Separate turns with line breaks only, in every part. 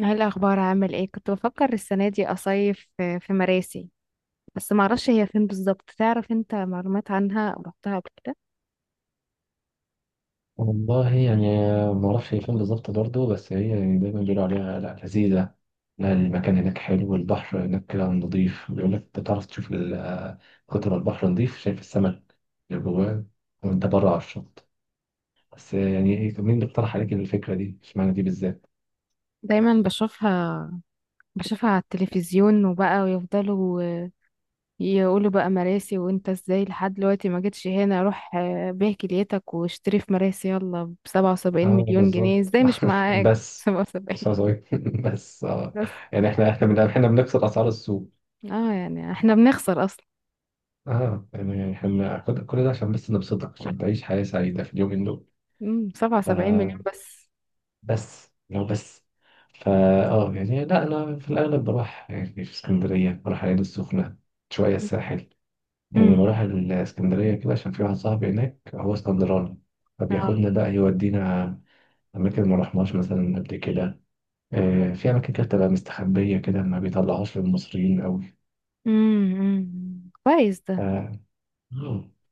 ايه الاخبار؟ عامل ايه؟ كنت بفكر السنه دي اصيف في مراسي، بس ما اعرفش هي فين بالظبط. تعرف انت معلومات عنها او رحتها قبل كده؟
والله يعني، ما اعرفش هي فين بالظبط برضه. بس هي دايما بيقولوا عليها لا لذيذه، لا المكان هناك حلو والبحر هناك كده نضيف. بيقول لك انت تعرف تشوف كتر ما البحر نضيف شايف السمك اللي جواه وانت بره على الشط. بس يعني ايه، مين اللي اقترح عليك الفكره دي؟ اشمعنى دي بالذات؟
دايما بشوفها على التلفزيون، وبقى ويفضلوا يقولوا بقى مراسي، وانت ازاي لحد دلوقتي ما جيتش هنا. روح بيع كليتك واشتري في مراسي، يلا بسبعة وسبعين
اه
مليون جنيه
بالظبط.
ازاي مش معاك؟
بس.
سبعة وسبعين
بس عاوز أقول إيه؟ بس
بس.
يعني
يعني
احنا بنكسر اسعار السوق.
اه يعني احنا بنخسر اصلا.
اه يعني احنا كل ده عشان بس نبسطك، عشان تعيش حياه سعيده في اليومين دول.
مم، سبعة وسبعين مليون بس.
بس لو بس. فا اه يعني لا، انا في الاغلب بروح يعني في اسكندريه، بروح العين السخنه، شويه الساحل. يعني
مم.
بروح الاسكندريه كده عشان في واحد صاحبي هناك هو اسكندراني،
آه.
فبياخدنا بقى يودينا اماكن ما رحناش مثلا قبل كده. آه، في اماكن كده بتبقى مستخبيه كده ما بيطلعوش للمصريين قوي.
امم، أمم. كويس ده.
آه،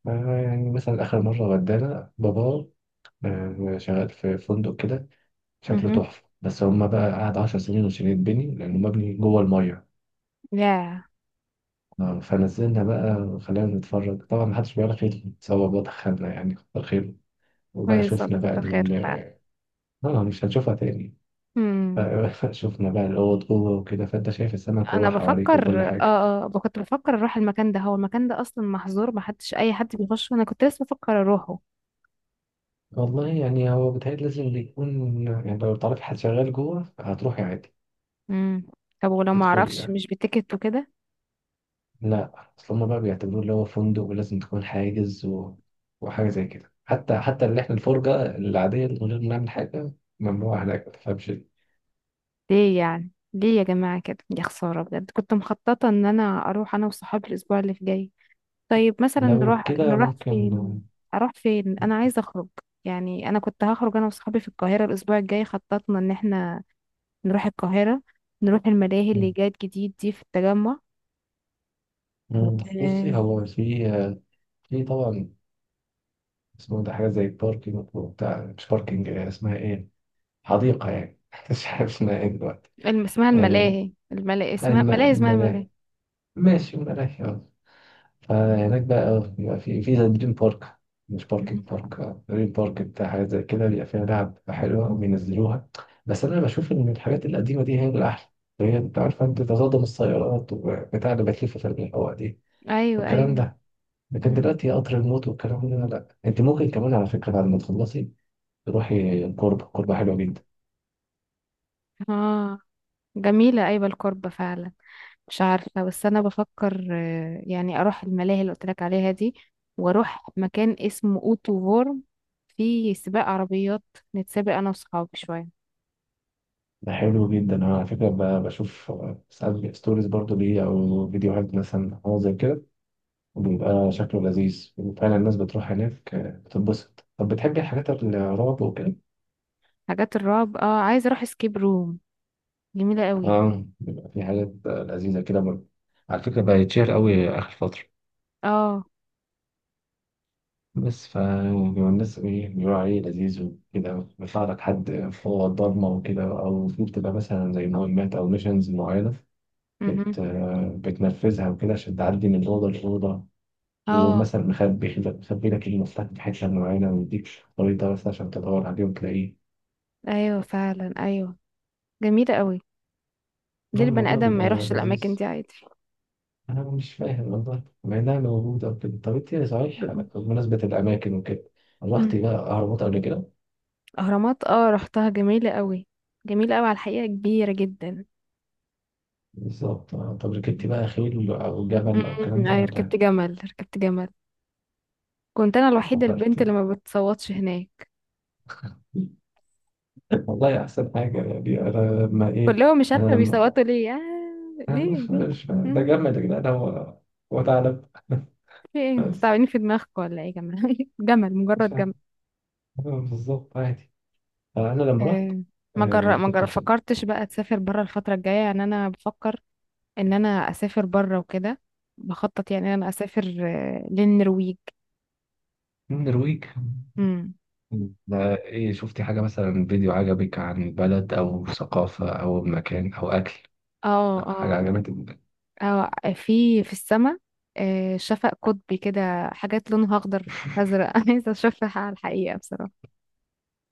آه، يعني مثلا اخر مره ودانا بابا، آه، شغال في فندق كده شكله
امم،
تحفة، بس هما بقى قعد 10 سنين عشان يتبني لأنه مبني جوه المية.
يا
آه، فنزلنا بقى خلينا نتفرج، طبعا محدش بيعرف خير سوا بقى دخلنا يعني كتر خيره. وبقى
كويس
شفنا
والله،
بقى
كتر خير فعلا.
آه، مش هنشوفها تاني.
امم،
شفنا بقى الأوض جوه وكده، فأنت شايف السمك وهو
انا
حواليك وكل
بفكر
حاجة.
كنت بفكر اروح المكان ده. هو المكان ده اصلا محظور، ما حدش اي حد بيخش. انا كنت لسه بفكر اروحه.
والله يعني هو بيتهيألي لازم يكون، يعني لو تعرفي حد شغال جوه هتروحي عادي،
امم. طب ولو ما
تدخلي
اعرفش،
يعني.
مش بتيكت وكده؟
لا، اصل هما بقى بيعتبروه اللي هو فندق ولازم تكون حاجز و... وحاجه زي كده. حتى اللي احنا الفرجه العاديه من غير ما نعمل حاجه ممنوع هناك، ما تفهمش ليه.
ليه يعني، ليه يا جماعة كده؟ يا خسارة، بجد كنت مخططة ان انا اروح انا وصحابي الاسبوع اللي جاي. طيب مثلا
لو
نروح
كده
نروح
ممكن.
فين؟ اروح فين؟ انا عايزة اخرج. يعني انا كنت هخرج انا وصحابي في القاهرة الاسبوع الجاي، خططنا ان احنا نروح القاهرة، نروح الملاهي اللي جات جديد دي في التجمع. و...
مم. بصي،
الم...
هو في. طبعا اسمه ده حاجه زي باركينج بتاع، مش باركينج، اسمها ايه؟ حديقه يعني، مش عارف اسمها ايه دلوقتي.
اسمها
آه،
الملاهي، اسمها ملاهي اسمها
الملاهي،
ملاهي
ماشي الملاهي. فهناك بقى اه بيبقى في زي دريم بارك، مش
مم.
باركينج، بارك اه دريم بارك بتاع، حاجة زي كده بيبقى فيها لعب حلوة وبينزلوها. بس أنا بشوف إن الحاجات القديمة دي هي الأحلى، هي أنت عارفة أنت تتصدم، السيارات وبتاع اللي بتلف في الهواء دي
ايوه،
والكلام
ايوه.
ده. لكن
مم.
دلوقتي قطر الموت والكلام ده لا، أنت ممكن كمان على فكرة بعد ما تخلصي تروحي الكوربة، الكوربة حلوة جدا.
اه، جميلة. أيوة القربة فعلا. مش عارفة، بس أنا بفكر يعني أروح الملاهي اللي قلت لك عليها دي، وأروح مكان اسمه أوتو فورم، فيه سباق عربيات، نتسابق أنا وصحابي شوية.
ده حلو جدا. أنا على فكرة بشوف آه، ساعات ستوريز برضو ليه، أو فيديوهات مثلا أو زي كده، وبيبقى شكله لذيذ، وفعلا الناس بتروح هناك آه، بتتبسط. طب بتحبي الحاجات الرعب وكده؟
حاجات الرعب، عايزة أروح سكيب روم، جميلة قوي.
اه، بيبقى في حاجات آه، لذيذة كده برضه. على فكرة بقى يتشهر قوي آخر فترة.
اه،
بس ف بيبقى الناس ايه بيقولوا عليه لذيذ وكده. بيطلع لك حد فوق الضلمة وكده، أو في بتبقى مثلا زي مهمات أو ميشنز معينة،
مهم.
آه، بتنفذها وكده عشان تعدي من أوضة لأوضة، ويقوم
اه،
مثلا مخبي لك المفتاح في حتة معينة، ويديك خريطة مثلا عشان تدور عليه وتلاقيه.
أيوة فعلا. أيوة، جميلة قوي. ليه
هو
البني
الموضوع
آدم
بيبقى
ما يروحش الأماكن
لذيذ.
دي عادي؟
أنا مش فاهم والله مع إنها موجودة وكده. طب أنت صحيح
ب-
بمناسبة الأماكن وكده، رحتي
مم.
بقى أهرامات قبل كده؟
أهرامات، رحتها، جميلة قوي. جميلة قوي على الحقيقة، كبيرة جدا.
بالظبط آه. طب ركبتي بقى خيل أو جمل أو الكلام
مم.
ده
أي،
ولا؟
ركبت جمل، ركبت جمل. كنت أنا الوحيدة البنت
فكرتي؟
اللي ما بتصوتش هناك.
والله أحسن حاجة يعني أنا لما إيه.
كلهم مش
أنا
عارفة
لما،
بيصوتوا ليه،
أنا
ليه
مش
ليه.
مش ده
مم.
جمل يا جدعان، هو هو ثعلب.
في ايه؟ انتوا
بس
تعبانين في دماغكم ولا ايه يا جماعة؟ جمل،
مش
مجرد
عارف
جمل.
آه، بالظبط عادي. فأنا لما رحت
آه.
آه،
ما جر... ما
ركبت
جر...
حصان.
فكرتش بقى تسافر برا الفترة الجاية؟ يعني أنا بفكر ان انا اسافر بره وكده، بخطط يعني ان انا اسافر للنرويج.
من النرويج؟
امم.
ده ايه، شفتي حاجة مثلا فيديو عجبك عن بلد أو ثقافة أو مكان أو أكل،
اه
حاجة
اه
عجبتك؟
اه في السماء، شفق قطبي كده، حاجات لونها اخضر ازرق. انا عايزه اشوفها على الحقيقه بصراحه.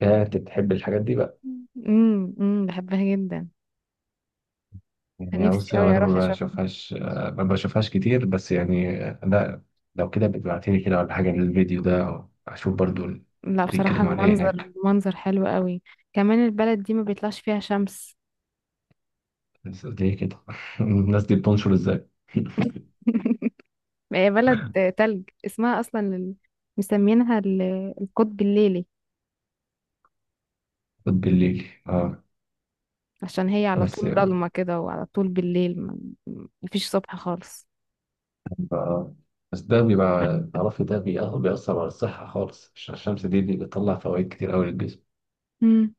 يا أنت بتحب الحاجات دي بقى.
امم، امم، بحبها جدا.
يعني
نفسي
بصي هو
قوي
أنا
اروح
ما
اشوف.
بشوفهاش آه، ما بشوفهاش كتير، بس يعني آه، لا. لو كده بتبعتيلي كده ولا حاجة للفيديو ده أشوف برضو.
لا بصراحه،
بيتكلموا عن إيه
المنظر
هناك؟
المنظر حلو قوي. كمان البلد دي ما بيطلعش فيها شمس.
بس ليه كده؟ الناس دي بتنشر إزاي؟
هي بلد تلج، اسمها اصلا مسمينها القطب الليلي.
بالليل اه.
عشان هي على
بس
طول ضلمة كده، وعلى طول بالليل مفيش صبح خالص.
آه. بس ده بيبقى تعرفي ده بيأثر على الصحة خالص، عشان الشمس دي بتطلع فوائد كتير أوي للجسم.
مم.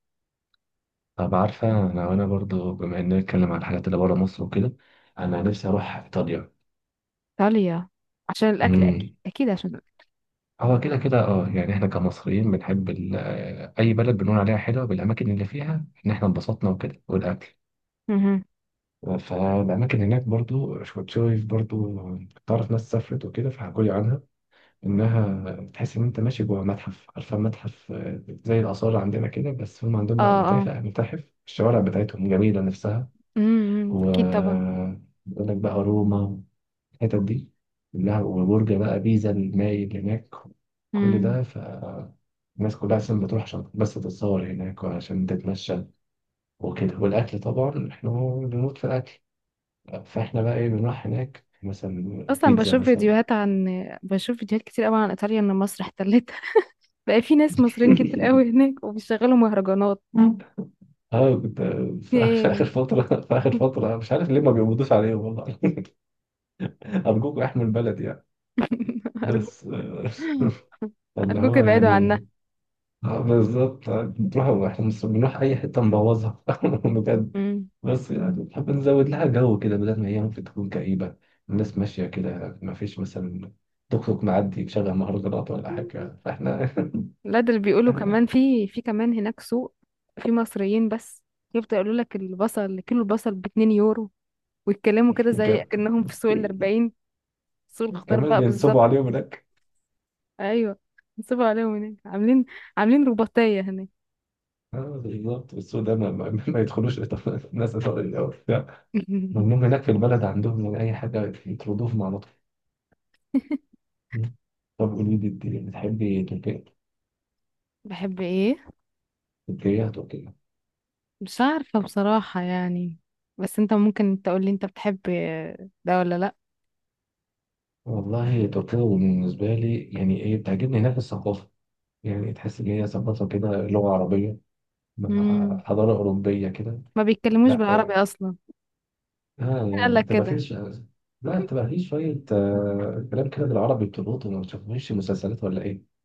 طب عارفة أنا وأنا برضو بما إننا بنتكلم عن الحاجات اللي بره مصر وكده، أنا نفسي أروح إيطاليا.
إيطاليا، عشان الأكل أكيد.
امم.
أكيد عشان الأكل.
هو كده كده اه يعني احنا كمصريين بنحب آه، اي بلد بنقول عليها حلوه بالاماكن اللي فيها ان احنا انبسطنا وكده والاكل.
مهم.
فالاماكن هناك برضو كنت شايف برضو، تعرف ناس سافرت وكده فحكوا لي عنها انها بتحس ان انت ماشي جوه متحف، عارفه متحف آه، زي الاثار عندنا كده، بس هم عندهم
اه،
بقى
اه،
متاحف، متاحف الشوارع بتاعتهم جميله نفسها.
امم،
و
أكيد طبعا.
بيقول لك بقى روما، الحتت دي كلها، وبرج بقى بيزا المايل هناك، كل
مم.
ده. فالناس كلها اصلا بتروح عشان بس تتصور هناك وعشان تتمشى وكده، والاكل طبعا احنا بنموت في الاكل، فاحنا بقى ايه بنروح هناك مثلا
أصلا
بيتزا مثلا.
بشوف فيديوهات كتير قوي عن إيطاليا، إن مصر احتلتها. بقى في ناس مصريين كتير قوي هناك، وبيشغلوا مهرجانات.
اه كنت
في
في آخر
إيه يا
في
جماعة؟
آخر فترة، في آخر فترة مش عارف ليه ما بيقبضوش عليهم والله. أرجوكوا احموا البلد يعني.
أرجو
بس آه، اللي
أرجوك
هو
ابعدوا عنها.
يعني آه، بالظبط آه، بنروح احنا بنروح أي حتة نبوظها بجد. بس يعني بنحب نزود لها جو كده بدل ما هي ممكن تكون كئيبة، الناس ماشية كده ما فيش مثلا توك توك معدي مشغل مهرجانات ولا
مم.
حاجة، فاحنا
لا ده اللي بيقولوا. كمان في كمان هناك سوق، في مصريين بس، يفضل يقولوا لك البصل، كيلو البصل بـ2 يورو، ويتكلموا كده
إحنا
زي اكنهم في سوق الأربعين، سوق الخضار
كمان
بقى
بينصبوا
بالظبط.
عليهم هناك
ايوه، نصبوا عليهم هناك، عاملين رباطية هناك.
اه بالظبط. السوق ده ما يدخلوش الناس الأول، ممنوع هناك في البلد عندهم يعني أي حاجة يطردوهم على طول. مم. طب قولي لي، أنت بتحبي تركيا؟
بحب ايه؟
تركيا، تركيا.
مش عارفة بصراحة، يعني بس انت ممكن تقول لي انت بتحب ده ولا لا؟
والله تركيا بالنسبة لي يعني إيه، بتعجبني هناك الثقافة، يعني تحس إن هي ثقافة كده لغة عربية مع
مم.
حضارة أوروبية كده.
ما بيتكلموش
لا
بالعربي اصلا؟
آه
مين قال
يعني
لك
بتبقى فيه
كده؟
لا بتبقى فيه شوية آه كلام كده بالعربي بتربطه. ما بتشوفوش مسلسلات ولا إيه؟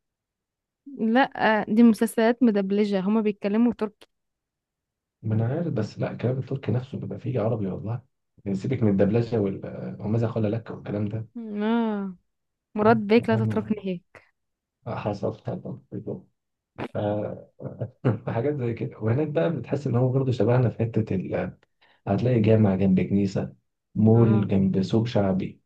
لا دي مسلسلات مدبلجة، هما بيتكلموا تركي.
ما أنا عارف، بس لا الكلام التركي نفسه بيبقى فيه عربي والله. يعني سيبك من الدبلجة آه، وماذا قال لك والكلام ده.
اه مراد بيك لا
هم
تتركني هيك.
حصل، حصل بالظبط. آه، فحاجات زي كده، وهناك بقى بتحس ان هو برضه شبهنا في حته هتلاقي جامع جنب كنيسه،
اه،
مول جنب سوق شعبي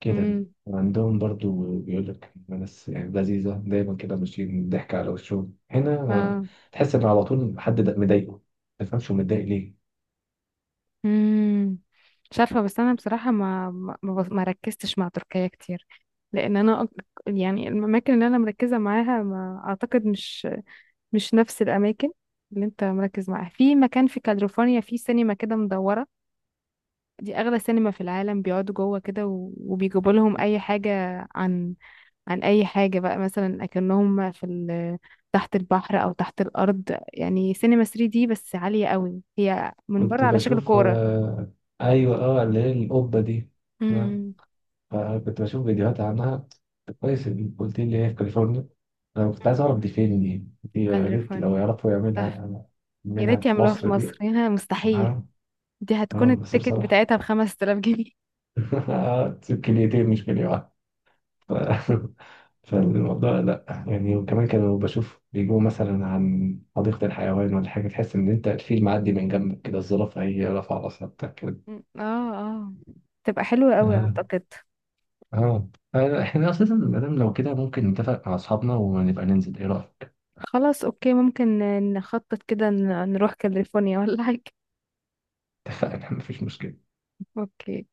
كده.
امم،
وعندهم برضه بيقول لك ناس يعني لذيذه دايما كده ماشيين ضحك على وشهم هنا.
اه،
تحس ان على طول حد ده مضايقه، ما تفهمش هو متضايق ليه.
امم. مش عارفه، بس انا بصراحه ما ركزتش مع تركيا كتير، لان انا يعني الاماكن اللي انا مركزه معاها، ما اعتقد مش نفس الاماكن اللي انت مركز معاها. في مكان في كاليفورنيا، في سينما كده مدوره، دي اغلى سينما في العالم. بيقعدوا جوه كده، وبيجيبوا لهم اي حاجه عن عن اي حاجة بقى، مثلا اكنهم في تحت البحر او تحت الارض، يعني سينما 3D بس عالية قوي، هي من بره
كنت
على شكل
بشوف
كورة.
آه، ايوه اه اللي هي القبه دي. آه،
امم.
فكنت بشوف فيديوهات عنها، كويس إن قلت لي هي في كاليفورنيا، انا كنت عايز اعرف دي فين دي. دي يا ريت لو
كاليفورنيا
يعرفوا
تحفة.
يعملها
يا
منها
ريت
في
يعملوها في
مصر
مصر،
دي.
هنا مستحيل.
اه
دي هتكون
اه بس
التيكت
بصراحة
بتاعتها بـ5000 جنيه.
كليتين مش كلية واحدة. ف- فالموضوع لا يعني. وكمان كانوا بشوف بيجوا مثلا عن حديقة الحيوان ولا حاجة، تحس ان انت الفيل معدي من جنبك كده، الزرافة هي رافعة راسها بتاع كده.
مم. اه، اه، تبقى حلوة قوي
اه
اعتقد.
اه آه، احنا اساسا مادام لو كده ممكن نتفق مع اصحابنا ونبقى ننزل، ايه رأيك؟
خلاص، اوكي، ممكن نخطط كده، نروح كاليفورنيا ولا حاجة.
اتفقنا مفيش مشكلة.
اوكي.